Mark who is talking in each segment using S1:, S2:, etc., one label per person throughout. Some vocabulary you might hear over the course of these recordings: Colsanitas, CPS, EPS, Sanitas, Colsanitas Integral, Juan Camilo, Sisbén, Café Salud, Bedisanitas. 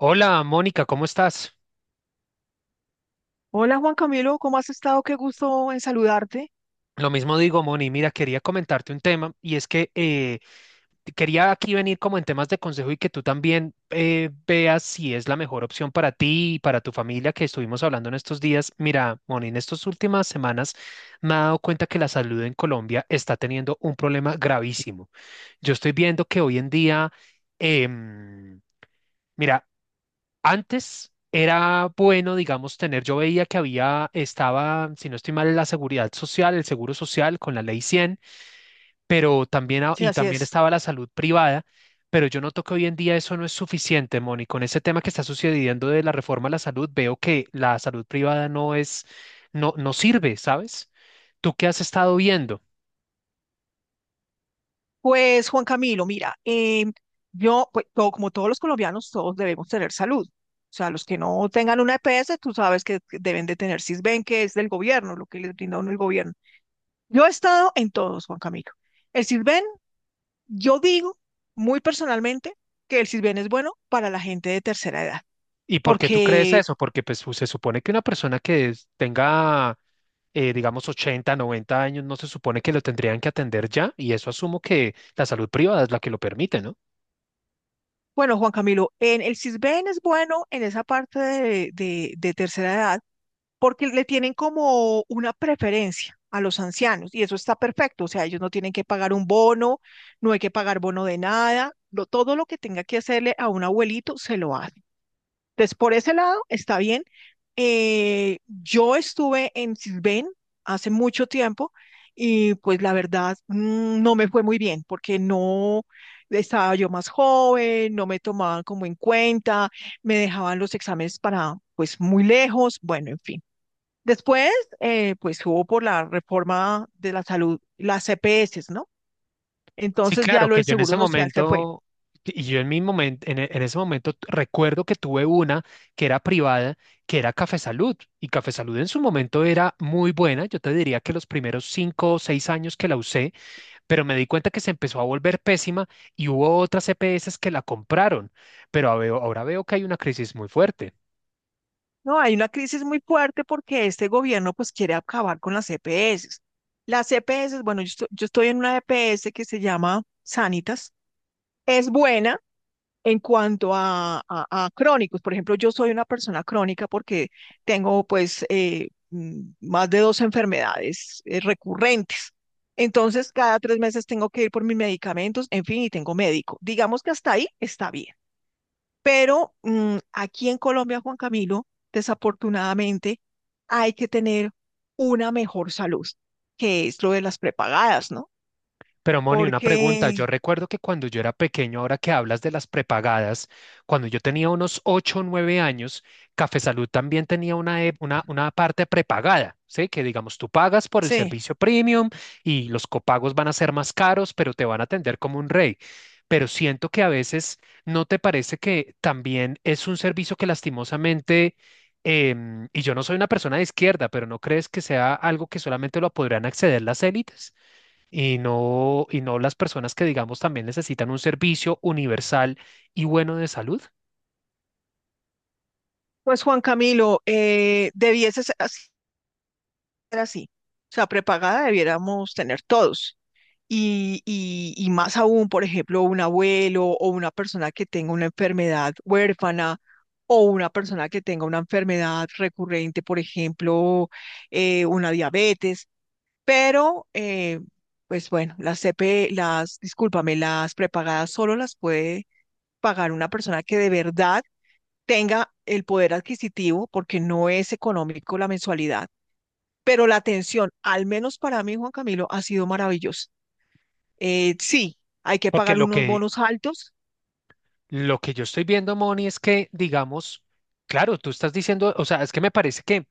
S1: Hola, Mónica, ¿cómo estás?
S2: Hola Juan Camilo, ¿cómo has estado? Qué gusto en saludarte.
S1: Lo mismo digo, Moni. Mira, quería comentarte un tema y es que quería aquí venir como en temas de consejo y que tú también veas si es la mejor opción para ti y para tu familia que estuvimos hablando en estos días. Mira, Moni, en estas últimas semanas me he dado cuenta que la salud en Colombia está teniendo un problema gravísimo. Yo estoy viendo que hoy en día, em, mira, antes era bueno, digamos, tener, yo veía que había, estaba, si no estoy mal, la seguridad social, el seguro social con la ley 100, pero también,
S2: Sí,
S1: y
S2: así
S1: también
S2: es.
S1: estaba la salud privada, pero yo noto que hoy en día eso no es suficiente, Moni. Con ese tema que está sucediendo de la reforma a la salud, veo que la salud privada no es, no, no sirve, ¿sabes? ¿Tú qué has estado viendo?
S2: Pues Juan Camilo, mira, yo, pues, como todos los colombianos, todos debemos tener salud. O sea, los que no tengan una EPS, tú sabes que deben de tener Sisbén, que es del gobierno, lo que les brinda a uno el gobierno. Yo he estado en todos, Juan Camilo. El Sisbén, yo digo muy personalmente que el Sisbén es bueno para la gente de tercera edad,
S1: ¿Y por qué tú crees
S2: porque
S1: eso? Porque pues, se supone que una persona que tenga, digamos, 80, 90 años, no se supone que lo tendrían que atender ya, y eso asumo que la salud privada es la que lo permite, ¿no?
S2: bueno, Juan Camilo, en el Sisbén es bueno en esa parte de tercera edad, porque le tienen como una preferencia a los ancianos y eso está perfecto. O sea, ellos no tienen que pagar un bono, no hay que pagar bono de nada, todo lo que tenga que hacerle a un abuelito se lo hace. Entonces, por ese lado está bien. Yo estuve en Sisbén hace mucho tiempo y pues la verdad no me fue muy bien porque no, estaba yo más joven, no me tomaban como en cuenta, me dejaban los exámenes para pues muy lejos, bueno, en fin. Después, pues hubo por la reforma de la salud, las CPS, ¿no?
S1: Sí,
S2: Entonces ya
S1: claro,
S2: lo
S1: que
S2: del
S1: yo en
S2: Seguro
S1: ese
S2: Social se fue.
S1: momento, y yo en mi momento, en ese momento recuerdo que tuve una que era privada, que era Café Salud, y Café Salud en su momento era muy buena, yo te diría que los primeros 5 o 6 años que la usé, pero me di cuenta que se empezó a volver pésima y hubo otras EPS que la compraron, pero ahora veo que hay una crisis muy fuerte.
S2: No, hay una crisis muy fuerte porque este gobierno pues quiere acabar con las CPS. Las CPS, bueno, yo estoy en una EPS que se llama Sanitas. Es buena. En cuanto a, a crónicos, por ejemplo, yo soy una persona crónica porque tengo pues más de 2 enfermedades recurrentes. Entonces, cada 3 meses tengo que ir por mis medicamentos, en fin, y tengo médico. Digamos que hasta ahí está bien. Pero aquí en Colombia, Juan Camilo, desafortunadamente, hay que tener una mejor salud, que es lo de las prepagadas, ¿no?
S1: Pero Moni, una pregunta.
S2: Porque,
S1: Yo recuerdo que cuando yo era pequeño, ahora que hablas de las prepagadas, cuando yo tenía unos ocho o 9 años, Café Salud también tenía una parte prepagada, ¿sí? Que digamos, tú pagas por el
S2: sí.
S1: servicio premium y los copagos van a ser más caros, pero te van a atender como un rey. Pero siento que a veces no te parece que también es un servicio que lastimosamente, y yo no soy una persona de izquierda, pero ¿no crees que sea algo que solamente lo podrán acceder las élites? Y no, y no las personas que, digamos, también necesitan un servicio universal y bueno de salud.
S2: Pues Juan Camilo, debieses ser así. O sea, prepagada debiéramos tener todos. Y más aún, por ejemplo, un abuelo o una persona que tenga una enfermedad huérfana o una persona que tenga una enfermedad recurrente, por ejemplo, una diabetes. Pero, pues bueno, las CP, las, discúlpame, las prepagadas solo las puede pagar una persona que de verdad tenga el poder adquisitivo, porque no es económico la mensualidad, pero la atención, al menos para mí, Juan Camilo, ha sido maravillosa. Sí, hay que
S1: Porque
S2: pagar unos bonos altos.
S1: lo que yo estoy viendo, Moni, es que, digamos, claro, tú estás diciendo, o sea, es que me parece que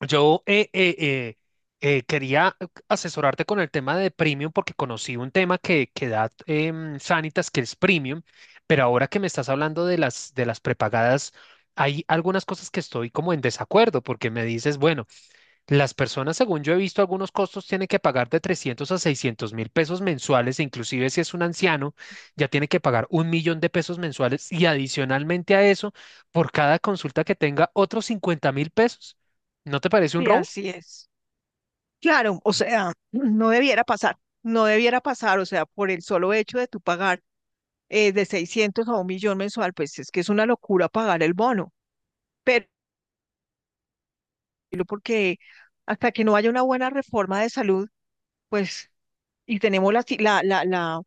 S1: yo quería asesorarte con el tema de premium porque conocí un tema que da Sanitas, que es premium, pero ahora que me estás hablando de las prepagadas, hay algunas cosas que estoy como en desacuerdo porque me dices, bueno, las personas, según yo he visto, algunos costos tienen que pagar de 300.000 a 600.000 pesos mensuales, e inclusive si es un anciano, ya tiene que pagar 1.000.000 de pesos mensuales y adicionalmente a eso, por cada consulta que tenga, otros 50.000 pesos. ¿No te parece un
S2: Sí,
S1: robo?
S2: así es. Claro, o sea, no debiera pasar, no debiera pasar. O sea, por el solo hecho de tu pagar de 600.000 a 1.000.000 mensual, pues es que es una locura pagar el bono. Pero porque hasta que no haya una buena reforma de salud, pues, y tenemos la, si- la, la, la,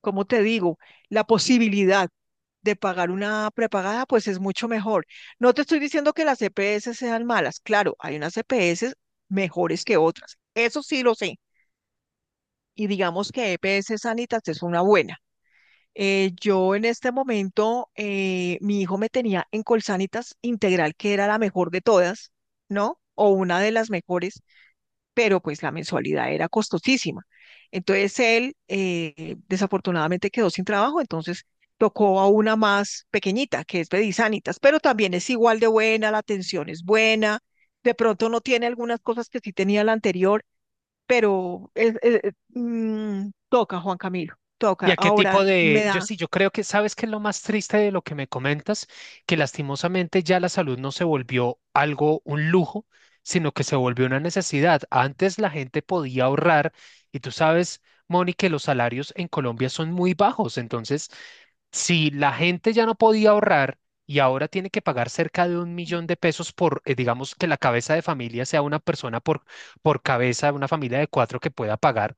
S2: como te digo, la posibilidad de pagar una prepagada, pues es mucho mejor. No te estoy diciendo que las EPS sean malas. Claro, hay unas EPS mejores que otras. Eso sí lo sé. Y digamos que EPS Sanitas es una buena. Yo en este momento, mi hijo me tenía en Colsanitas Integral, que era la mejor de todas, ¿no? O una de las mejores, pero pues la mensualidad era costosísima. Entonces él desafortunadamente quedó sin trabajo, entonces tocó a una más pequeñita, que es Bedisanitas, pero también es igual de buena, la atención es buena, de pronto no tiene algunas cosas que sí tenía la anterior, pero toca, Juan Camilo,
S1: ¿Y
S2: toca.
S1: a qué tipo
S2: Ahora me
S1: de...? Yo
S2: da,
S1: sí, yo creo que sabes que es lo más triste de lo que me comentas, que lastimosamente ya la salud no se volvió algo, un lujo, sino que se volvió una necesidad. Antes la gente podía ahorrar y tú sabes, Moni, que los salarios en Colombia son muy bajos. Entonces, si la gente ya no podía ahorrar y ahora tiene que pagar cerca de 1.000.000 de pesos por, digamos, que la cabeza de familia sea una persona por cabeza, una familia de cuatro que pueda pagar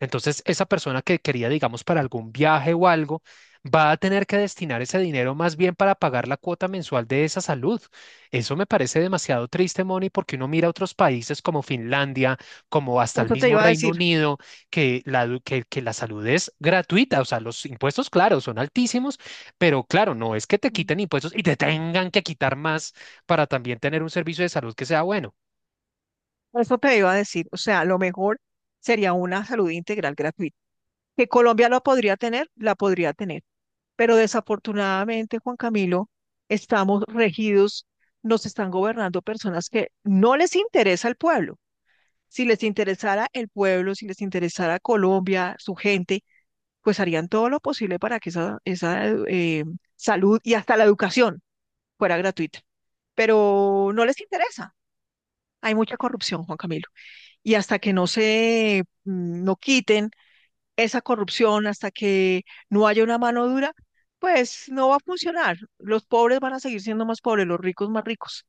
S1: entonces, esa persona que quería, digamos, para algún viaje o algo, va a tener que destinar ese dinero más bien para pagar la cuota mensual de esa salud. Eso me parece demasiado triste, Moni, porque uno mira otros países como Finlandia, como hasta el
S2: eso te
S1: mismo
S2: iba a
S1: Reino
S2: decir,
S1: Unido, que que la salud es gratuita. O sea, los impuestos, claro, son altísimos, pero claro, no es que te
S2: mm,
S1: quiten impuestos y te tengan que quitar más para también tener un servicio de salud que sea bueno.
S2: eso te iba a decir. O sea, lo mejor sería una salud integral gratuita. Que Colombia la podría tener, la podría tener. Pero desafortunadamente, Juan Camilo, estamos regidos, nos están gobernando personas que no les interesa el pueblo. Si les interesara el pueblo, si les interesara Colombia, su gente, pues harían todo lo posible para que esa salud y hasta la educación fuera gratuita. Pero no les interesa. Hay mucha corrupción, Juan Camilo. Y hasta que no se, no quiten esa corrupción, hasta que no haya una mano dura, pues no va a funcionar. Los pobres van a seguir siendo más pobres, los ricos más ricos.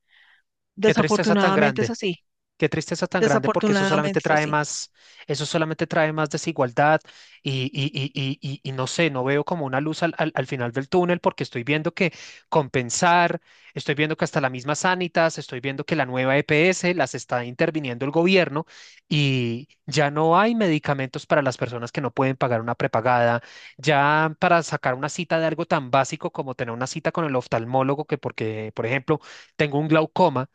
S1: Qué tristeza tan
S2: Desafortunadamente es
S1: grande.
S2: así,
S1: Qué tristeza tan grande porque
S2: desafortunadamente es así.
S1: eso solamente trae más desigualdad y no sé, no veo como una luz al final del túnel porque estoy viendo que compensar, estoy viendo que hasta la misma Sanitas, estoy viendo que la nueva EPS las está interviniendo el gobierno y ya no hay medicamentos para las personas que no pueden pagar una prepagada, ya para sacar una cita de algo tan básico como tener una cita con el oftalmólogo que porque, por ejemplo, tengo un glaucoma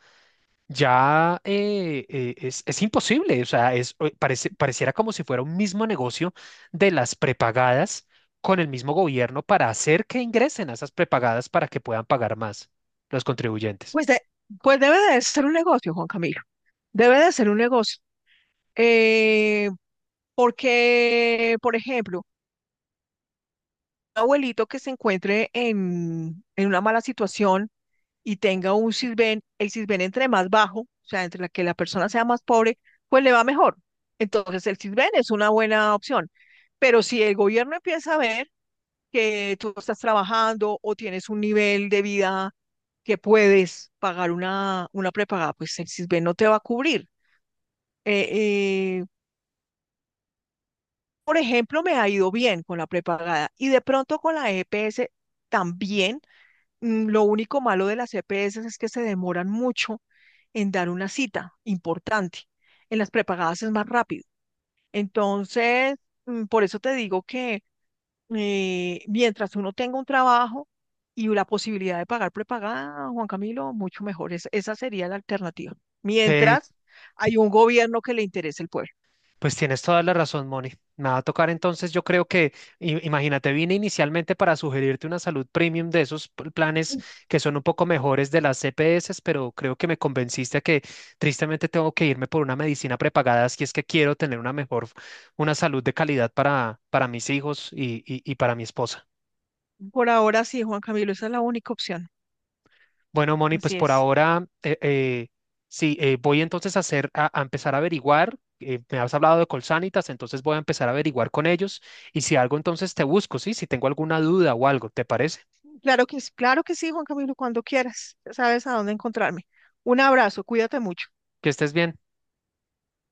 S1: ya es imposible, o sea, es, parece, pareciera como si fuera un mismo negocio de las prepagadas con el mismo gobierno para hacer que ingresen a esas prepagadas para que puedan pagar más los contribuyentes.
S2: Pues, de- pues debe de ser un negocio, Juan Camilo, debe de ser un negocio. Eh, porque, por ejemplo, abuelito que se encuentre en una mala situación y tenga un Sisbén, el Sisbén entre más bajo, o sea, entre la que la persona sea más pobre, pues le va mejor. Entonces el Sisbén es una buena opción. Pero si el gobierno empieza a ver que tú estás trabajando o tienes un nivel de vida que puedes pagar una prepagada, pues el Sisbén no te va a cubrir. Eh, eh, por ejemplo, me ha ido bien con la prepagada y de pronto con la EPS también. Lo único malo de las EPS es que se demoran mucho en dar una cita importante. En las prepagadas es más rápido. Entonces, por eso te digo que mientras uno tenga un trabajo y la posibilidad de pagar prepagada, Juan Camilo, mucho mejor. Esa sería la alternativa. Mientras hay un gobierno que le interese el pueblo.
S1: Pues tienes toda la razón, Moni. Me va a tocar entonces, yo creo que, imagínate, vine inicialmente para sugerirte una salud premium de esos planes que son un poco mejores de las CPS, pero creo que me convenciste a que tristemente tengo que irme por una medicina prepagada si es que quiero tener una mejor, una salud de calidad para mis hijos y para mi esposa.
S2: Por ahora sí, Juan Camilo, esa es la única opción.
S1: Bueno, Moni, pues
S2: Así
S1: por
S2: es.
S1: ahora, sí, voy entonces a hacer, a empezar a averiguar. Me has hablado de Colsanitas, entonces voy a empezar a averiguar con ellos y si algo, entonces te busco, ¿sí? Si tengo alguna duda o algo, ¿te parece?
S2: Claro que sí, Juan Camilo, cuando quieras. Ya sabes a dónde encontrarme. Un abrazo, cuídate mucho.
S1: Que estés bien.